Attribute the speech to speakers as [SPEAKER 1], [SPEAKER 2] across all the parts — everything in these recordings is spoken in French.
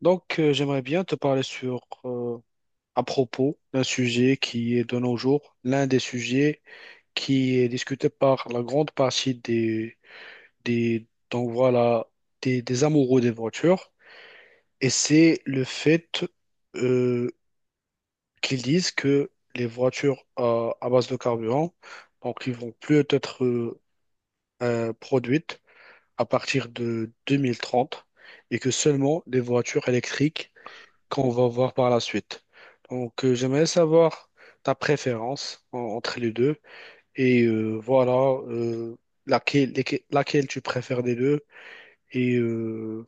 [SPEAKER 1] J'aimerais bien te parler à propos d'un sujet qui est de nos jours l'un des sujets qui est discuté par la grande partie des, donc voilà, des amoureux des voitures. Et c'est le fait, euh, qu'ils disent que les voitures à base de carburant, donc, ils vont plus être produites à partir de 2030 et que seulement les voitures électriques qu'on va voir par la suite. J'aimerais savoir ta préférence entre les deux, voilà, euh, laquelle tu préfères des deux, et euh,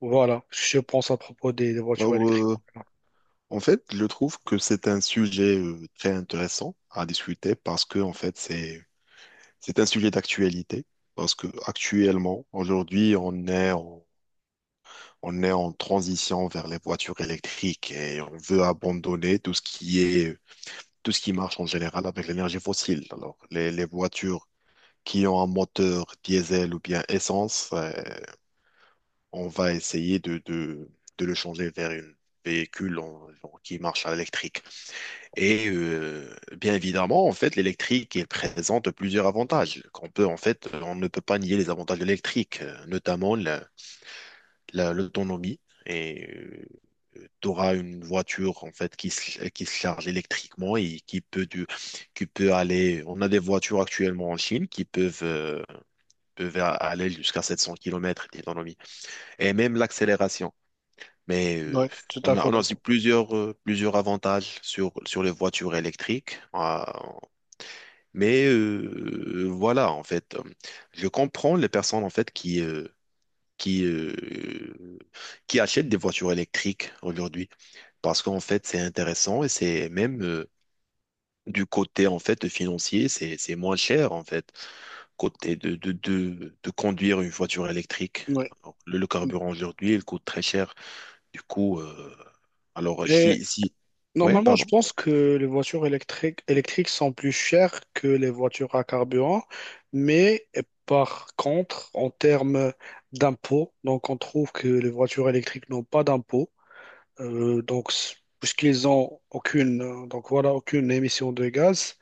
[SPEAKER 1] voilà ce que je pense à propos des voitures
[SPEAKER 2] Alors,
[SPEAKER 1] électriques.
[SPEAKER 2] euh, en fait, je trouve que c'est un sujet très intéressant à discuter parce que, en fait, c'est un sujet d'actualité parce que actuellement, aujourd'hui, on est en transition vers les voitures électriques et on veut abandonner tout ce qui marche en général avec l'énergie fossile. Alors, les voitures qui ont un moteur diesel ou bien essence, on va essayer de le changer vers un véhicule qui marche à l'électrique. Et euh, Bien évidemment, en fait, l'électrique il présente plusieurs avantages qu'on peut, en fait, on ne peut pas nier les avantages de l'électrique, notamment l'autonomie. Et tu auras une voiture en fait qui se charge électriquement et qui peut aller. On a des voitures actuellement en Chine qui peuvent, aller jusqu'à 700 kilomètres d'autonomie et même l'accélération. Mais euh,
[SPEAKER 1] Oui, tout à
[SPEAKER 2] on a,
[SPEAKER 1] fait
[SPEAKER 2] on a aussi
[SPEAKER 1] d'accord.
[SPEAKER 2] plusieurs, plusieurs avantages sur les voitures électriques. Voilà, en fait, je comprends les personnes en fait qui euh, qui achètent des voitures électriques aujourd'hui parce qu'en fait c'est intéressant et c'est même du côté en fait financier c'est moins cher en fait côté de conduire une voiture électrique.
[SPEAKER 1] Oui.
[SPEAKER 2] Alors, le le, carburant aujourd'hui il coûte très cher. Du coup, alors
[SPEAKER 1] Et
[SPEAKER 2] si si Ouais,
[SPEAKER 1] normalement, je
[SPEAKER 2] pardon.
[SPEAKER 1] pense que les voitures électriques sont plus chères que les voitures à carburant, mais par contre, en termes d'impôts, donc on trouve que les voitures électriques n'ont pas d'impôts. Donc, puisqu'ils ont aucune, donc voilà, aucune émission de gaz.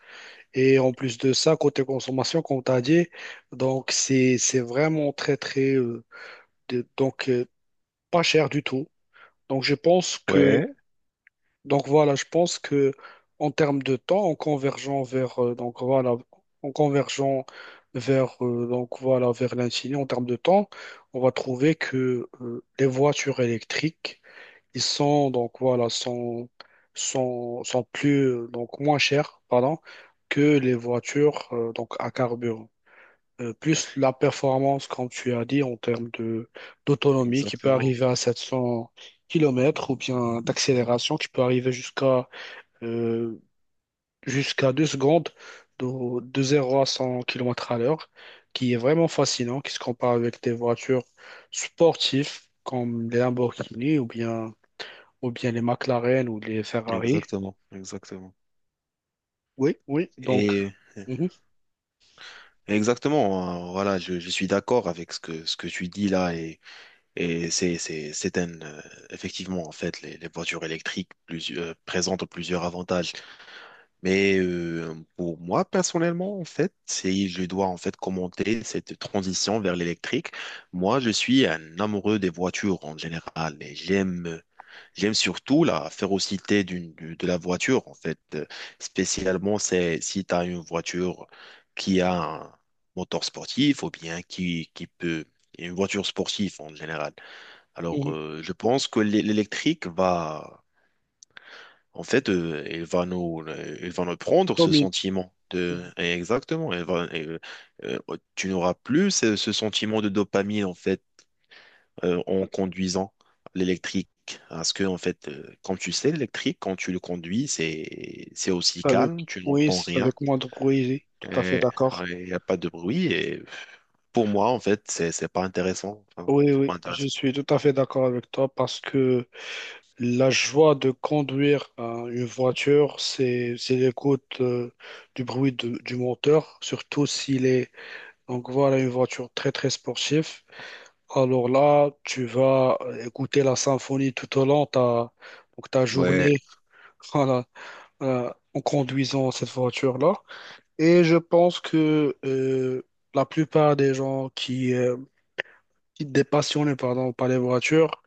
[SPEAKER 1] Et en plus de ça, côté consommation, comme tu as dit, donc c'est vraiment très, très, de- donc euh, pas cher du tout. Donc,
[SPEAKER 2] Ouais,
[SPEAKER 1] je pense que en termes de temps, en convergeant vers, vers l'infini, en termes de temps, on va trouver que les voitures électriques, ils sont donc voilà sont sont sont plus donc moins chers pardon que les voitures donc à carburant. Plus la performance, comme tu as dit, en termes de d'autonomie qui peut
[SPEAKER 2] exactement.
[SPEAKER 1] arriver à 700 kilomètres, ou bien d'accélération qui peut arriver euh, jusqu'à 2 secondes de 0 à 100 km à l'heure, qui est vraiment fascinant, qui se compare avec des voitures sportives comme les Lamborghini, ou bien les McLaren ou les Ferrari.
[SPEAKER 2] Exactement, exactement.
[SPEAKER 1] Oui, oui, donc,
[SPEAKER 2] Et
[SPEAKER 1] mhm,
[SPEAKER 2] exactement, voilà, je suis d'accord avec ce que tu dis là et, c'est un, effectivement, en fait, les voitures électriques présentent plusieurs avantages. Pour moi, personnellement, en fait, si je dois en fait commenter cette transition vers l'électrique, moi, je suis un amoureux des voitures en général et j'aime surtout la férocité de la voiture, en fait. Spécialement, c'est si tu as une voiture qui a un moteur sportif ou bien qui peut... Une voiture sportive en général.
[SPEAKER 1] mhm.
[SPEAKER 2] Je pense que l'électrique va... En fait, il va nous prendre ce
[SPEAKER 1] Domine.
[SPEAKER 2] sentiment de...
[SPEAKER 1] Mhm.
[SPEAKER 2] Exactement. Euh, Tu n'auras plus ce sentiment de dopamine, en fait, en conduisant l'électrique. Parce que, en fait, comme tu sais, l'électrique, quand tu le conduis, c'est aussi calme,
[SPEAKER 1] Avec,
[SPEAKER 2] tu
[SPEAKER 1] oui,
[SPEAKER 2] n'entends
[SPEAKER 1] c'est
[SPEAKER 2] rien,
[SPEAKER 1] avec moi, oui, tout à fait
[SPEAKER 2] et
[SPEAKER 1] d'accord.
[SPEAKER 2] il n'y a pas de bruit. Et pour moi, en fait, c'est pas intéressant. Enfin,
[SPEAKER 1] Oui,
[SPEAKER 2] c'est pas
[SPEAKER 1] oui, je
[SPEAKER 2] intéressant.
[SPEAKER 1] suis tout à fait d'accord avec toi parce que la joie de conduire, hein, une voiture, c'est l'écoute, du bruit du moteur, surtout s'il est, donc voilà, une voiture très très sportive. Alors là, tu vas écouter la symphonie tout au long de ta
[SPEAKER 2] Ouais,
[SPEAKER 1] journée. Voilà, en conduisant cette voiture-là. Et je pense que, la plupart des gens qui, des passionnés pardon, par les voitures,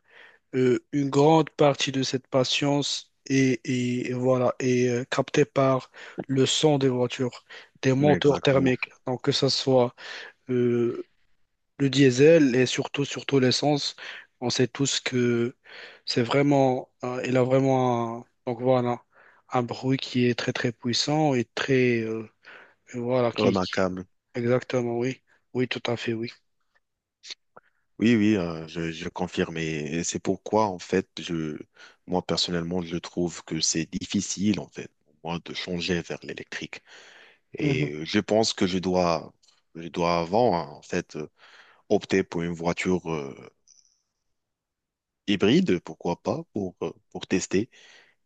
[SPEAKER 1] une grande partie de cette patience est captée par le son des voitures, des
[SPEAKER 2] ouais,
[SPEAKER 1] moteurs
[SPEAKER 2] exactement.
[SPEAKER 1] thermiques. Donc que ce soit, euh, le diesel et surtout, surtout l'essence, on sait tous que c'est vraiment, il a vraiment un bruit qui est très très puissant et très, et voilà,
[SPEAKER 2] Remarquable.
[SPEAKER 1] exactement, oui, oui, tout à fait, oui.
[SPEAKER 2] Oui, oui, je confirme. Et c'est pourquoi, en fait, moi, personnellement, je trouve que c'est difficile, en fait, pour moi, de changer vers l'électrique.
[SPEAKER 1] Mhm,
[SPEAKER 2] Je pense que je dois avant, hein, en fait, opter pour une voiture hybride, pourquoi pas, pour tester.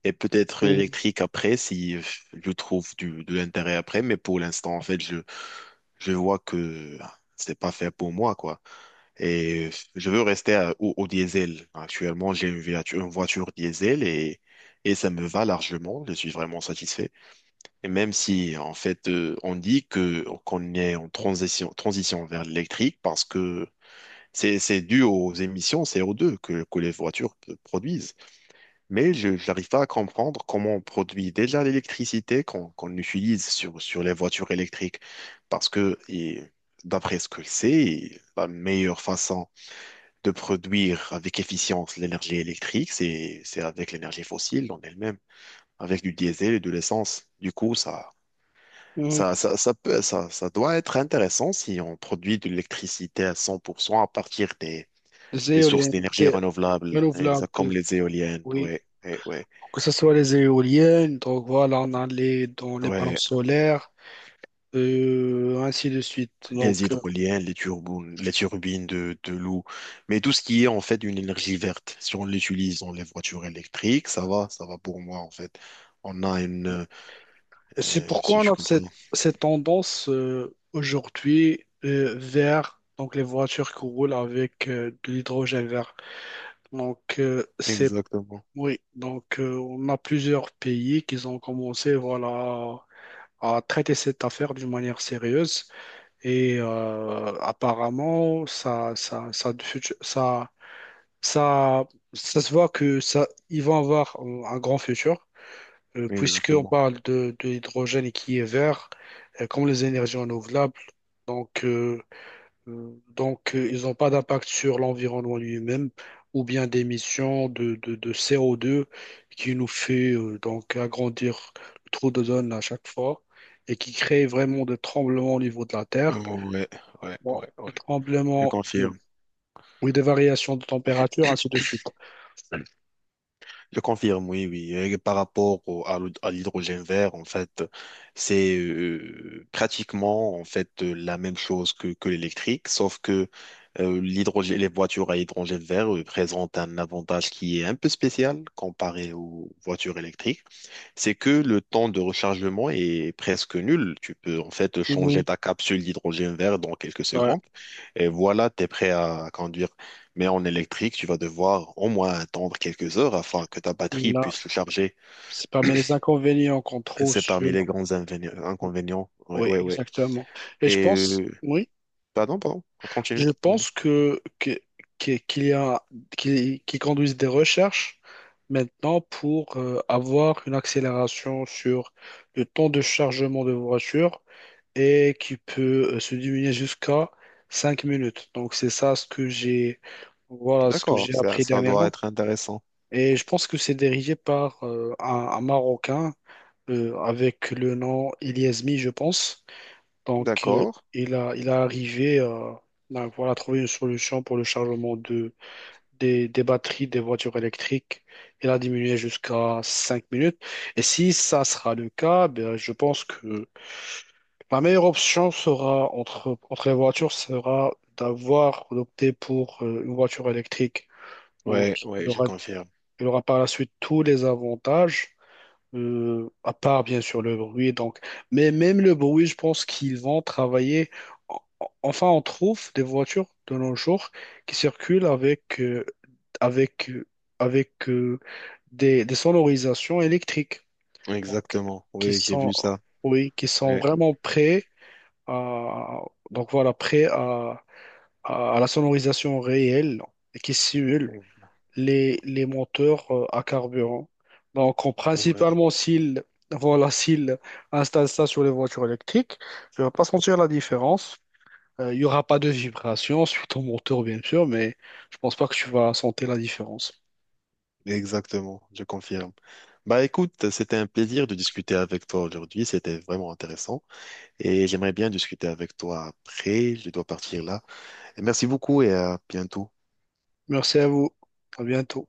[SPEAKER 2] Et peut-être
[SPEAKER 1] mhm,
[SPEAKER 2] l'électrique après, si je trouve du, de l'intérêt après. Mais pour l'instant, en fait, je vois que ah, c'est pas fait pour moi, quoi. Et je veux rester au au diesel. Actuellement, j'ai une voiture diesel et ça me va largement. Je suis vraiment satisfait. Et même si, en fait, on dit que qu'on est en transition, transition vers l'électrique parce que c'est dû aux émissions co deux que les voitures produisent. Mais je n'arrive pas à comprendre comment on produit déjà l'électricité qu'on utilise sur les voitures électriques. Parce que, et d'après ce que je sais, la meilleure façon de produire avec efficience l'énergie électrique, c'est avec l'énergie fossile en elle-même, avec du diesel et de l'essence. Du coup,
[SPEAKER 1] mhm.
[SPEAKER 2] ça doit être intéressant si on produit de l'électricité à 100% à partir
[SPEAKER 1] Des
[SPEAKER 2] des sources
[SPEAKER 1] éoliennes,
[SPEAKER 2] d'énergie
[SPEAKER 1] des
[SPEAKER 2] renouvelables,
[SPEAKER 1] renouvelables,
[SPEAKER 2] exact comme les éoliennes,
[SPEAKER 1] oui,
[SPEAKER 2] ouais. Ouais, ouais,
[SPEAKER 1] que ce soit les éoliennes, donc voilà, on a dans les panneaux
[SPEAKER 2] ouais.
[SPEAKER 1] solaires, ainsi de suite.
[SPEAKER 2] Les
[SPEAKER 1] Donc.
[SPEAKER 2] hydroliennes, les turbines de l'eau. Mais tout ce qui est en fait une énergie verte, si on l'utilise dans les voitures électriques, ça va pour moi en fait. On a une,
[SPEAKER 1] Et c'est
[SPEAKER 2] euh, si
[SPEAKER 1] pourquoi
[SPEAKER 2] tu
[SPEAKER 1] on a
[SPEAKER 2] comprends.
[SPEAKER 1] cette tendance, aujourd'hui, vers donc les voitures qui roulent avec, de l'hydrogène vert. Donc c'est
[SPEAKER 2] Exactement.
[SPEAKER 1] Oui, donc on a plusieurs pays qui ont commencé, voilà, à traiter cette affaire d'une manière sérieuse, et apparemment ça ça ça se voit que ça ils vont avoir un grand futur, puisqu'on
[SPEAKER 2] Exactement.
[SPEAKER 1] parle de l'hydrogène, et qui est vert, comme les énergies renouvelables. Donc, euh, donc, ils n'ont pas d'impact sur l'environnement lui-même, ou bien d'émissions de CO2, qui nous fait donc agrandir le trou d'ozone à chaque fois, et qui crée vraiment des tremblements au niveau de la Terre.
[SPEAKER 2] Ouais, ouais,
[SPEAKER 1] Bon,
[SPEAKER 2] ouais, ouais.
[SPEAKER 1] des
[SPEAKER 2] Je
[SPEAKER 1] tremblements
[SPEAKER 2] confirme.
[SPEAKER 1] oui, des variations de température, ainsi de suite.
[SPEAKER 2] Je confirme, oui, oui. Et par rapport à à l'hydrogène vert, en fait, c'est pratiquement en fait la même chose que l'électrique, sauf que l'hydrogène, les voitures à hydrogène vert présentent un avantage qui est un peu spécial comparé aux voitures électriques. C'est que le temps de rechargement est presque nul. Tu peux en fait changer
[SPEAKER 1] Mhm.
[SPEAKER 2] ta capsule d'hydrogène vert dans quelques
[SPEAKER 1] Ouais.
[SPEAKER 2] secondes et voilà, tu es prêt à conduire. Mais en électrique, tu vas devoir au moins attendre quelques heures afin que ta
[SPEAKER 1] Oui,
[SPEAKER 2] batterie puisse
[SPEAKER 1] là,
[SPEAKER 2] se charger.
[SPEAKER 1] c'est parmi les inconvénients qu'on
[SPEAKER 2] Et
[SPEAKER 1] trouve.
[SPEAKER 2] c'est
[SPEAKER 1] Sur
[SPEAKER 2] parmi les grands inconvénients. Ouais,
[SPEAKER 1] Oui,
[SPEAKER 2] ouais, ouais.
[SPEAKER 1] exactement. Et je
[SPEAKER 2] Et
[SPEAKER 1] pense,
[SPEAKER 2] euh,
[SPEAKER 1] oui,
[SPEAKER 2] Pardon, pardon, on continue.
[SPEAKER 1] je
[SPEAKER 2] Continue.
[SPEAKER 1] pense que- qu'il y a, qu'ils qu'ils conduisent des recherches maintenant pour avoir une accélération sur le temps de chargement de voiture, et qui peut se diminuer jusqu'à 5 minutes. Donc c'est ça ce que j'ai, voilà, ce que
[SPEAKER 2] D'accord,
[SPEAKER 1] j'ai appris
[SPEAKER 2] ça doit
[SPEAKER 1] dernièrement.
[SPEAKER 2] être intéressant.
[SPEAKER 1] Et je pense que c'est dirigé par un Marocain, avec le nom Iliasmi, je pense. Donc,
[SPEAKER 2] D'accord.
[SPEAKER 1] il a arrivé, à voilà, trouver une solution pour le chargement des batteries des voitures électriques. Il a diminué jusqu'à 5 minutes. Et si ça sera le cas, ben, je pense que la meilleure option sera entre les voitures, sera d'opter pour une voiture électrique. Donc,
[SPEAKER 2] Ouais,
[SPEAKER 1] il
[SPEAKER 2] ouais, je
[SPEAKER 1] aura,
[SPEAKER 2] confirme.
[SPEAKER 1] il aura par la suite tous les avantages, à part bien sûr le bruit. Donc, mais même le bruit, je pense qu'ils vont travailler. En- Enfin, on trouve des voitures de nos jours qui circulent avec euh, avec des sonorisations électriques, donc
[SPEAKER 2] Exactement.
[SPEAKER 1] qui
[SPEAKER 2] Oui, j'ai
[SPEAKER 1] sont,
[SPEAKER 2] vu ça.
[SPEAKER 1] oui, qui sont
[SPEAKER 2] Ouais.
[SPEAKER 1] vraiment prêts à, donc voilà, prêts à la sonorisation réelle, et qui simulent les moteurs, à carburant. Donc,
[SPEAKER 2] Ouais.
[SPEAKER 1] principalement, s'ils installent ça sur les voitures électriques, je ne vais pas sentir la différence. Il n'y aura pas de vibration sur ton moteur, bien sûr, mais je pense pas que tu vas sentir la différence.
[SPEAKER 2] Exactement, je confirme. Bah écoute, c'était un plaisir de discuter avec toi aujourd'hui, c'était vraiment intéressant et j'aimerais bien discuter avec toi après, je dois partir là. Et merci beaucoup et à bientôt.
[SPEAKER 1] Merci à vous. À bientôt.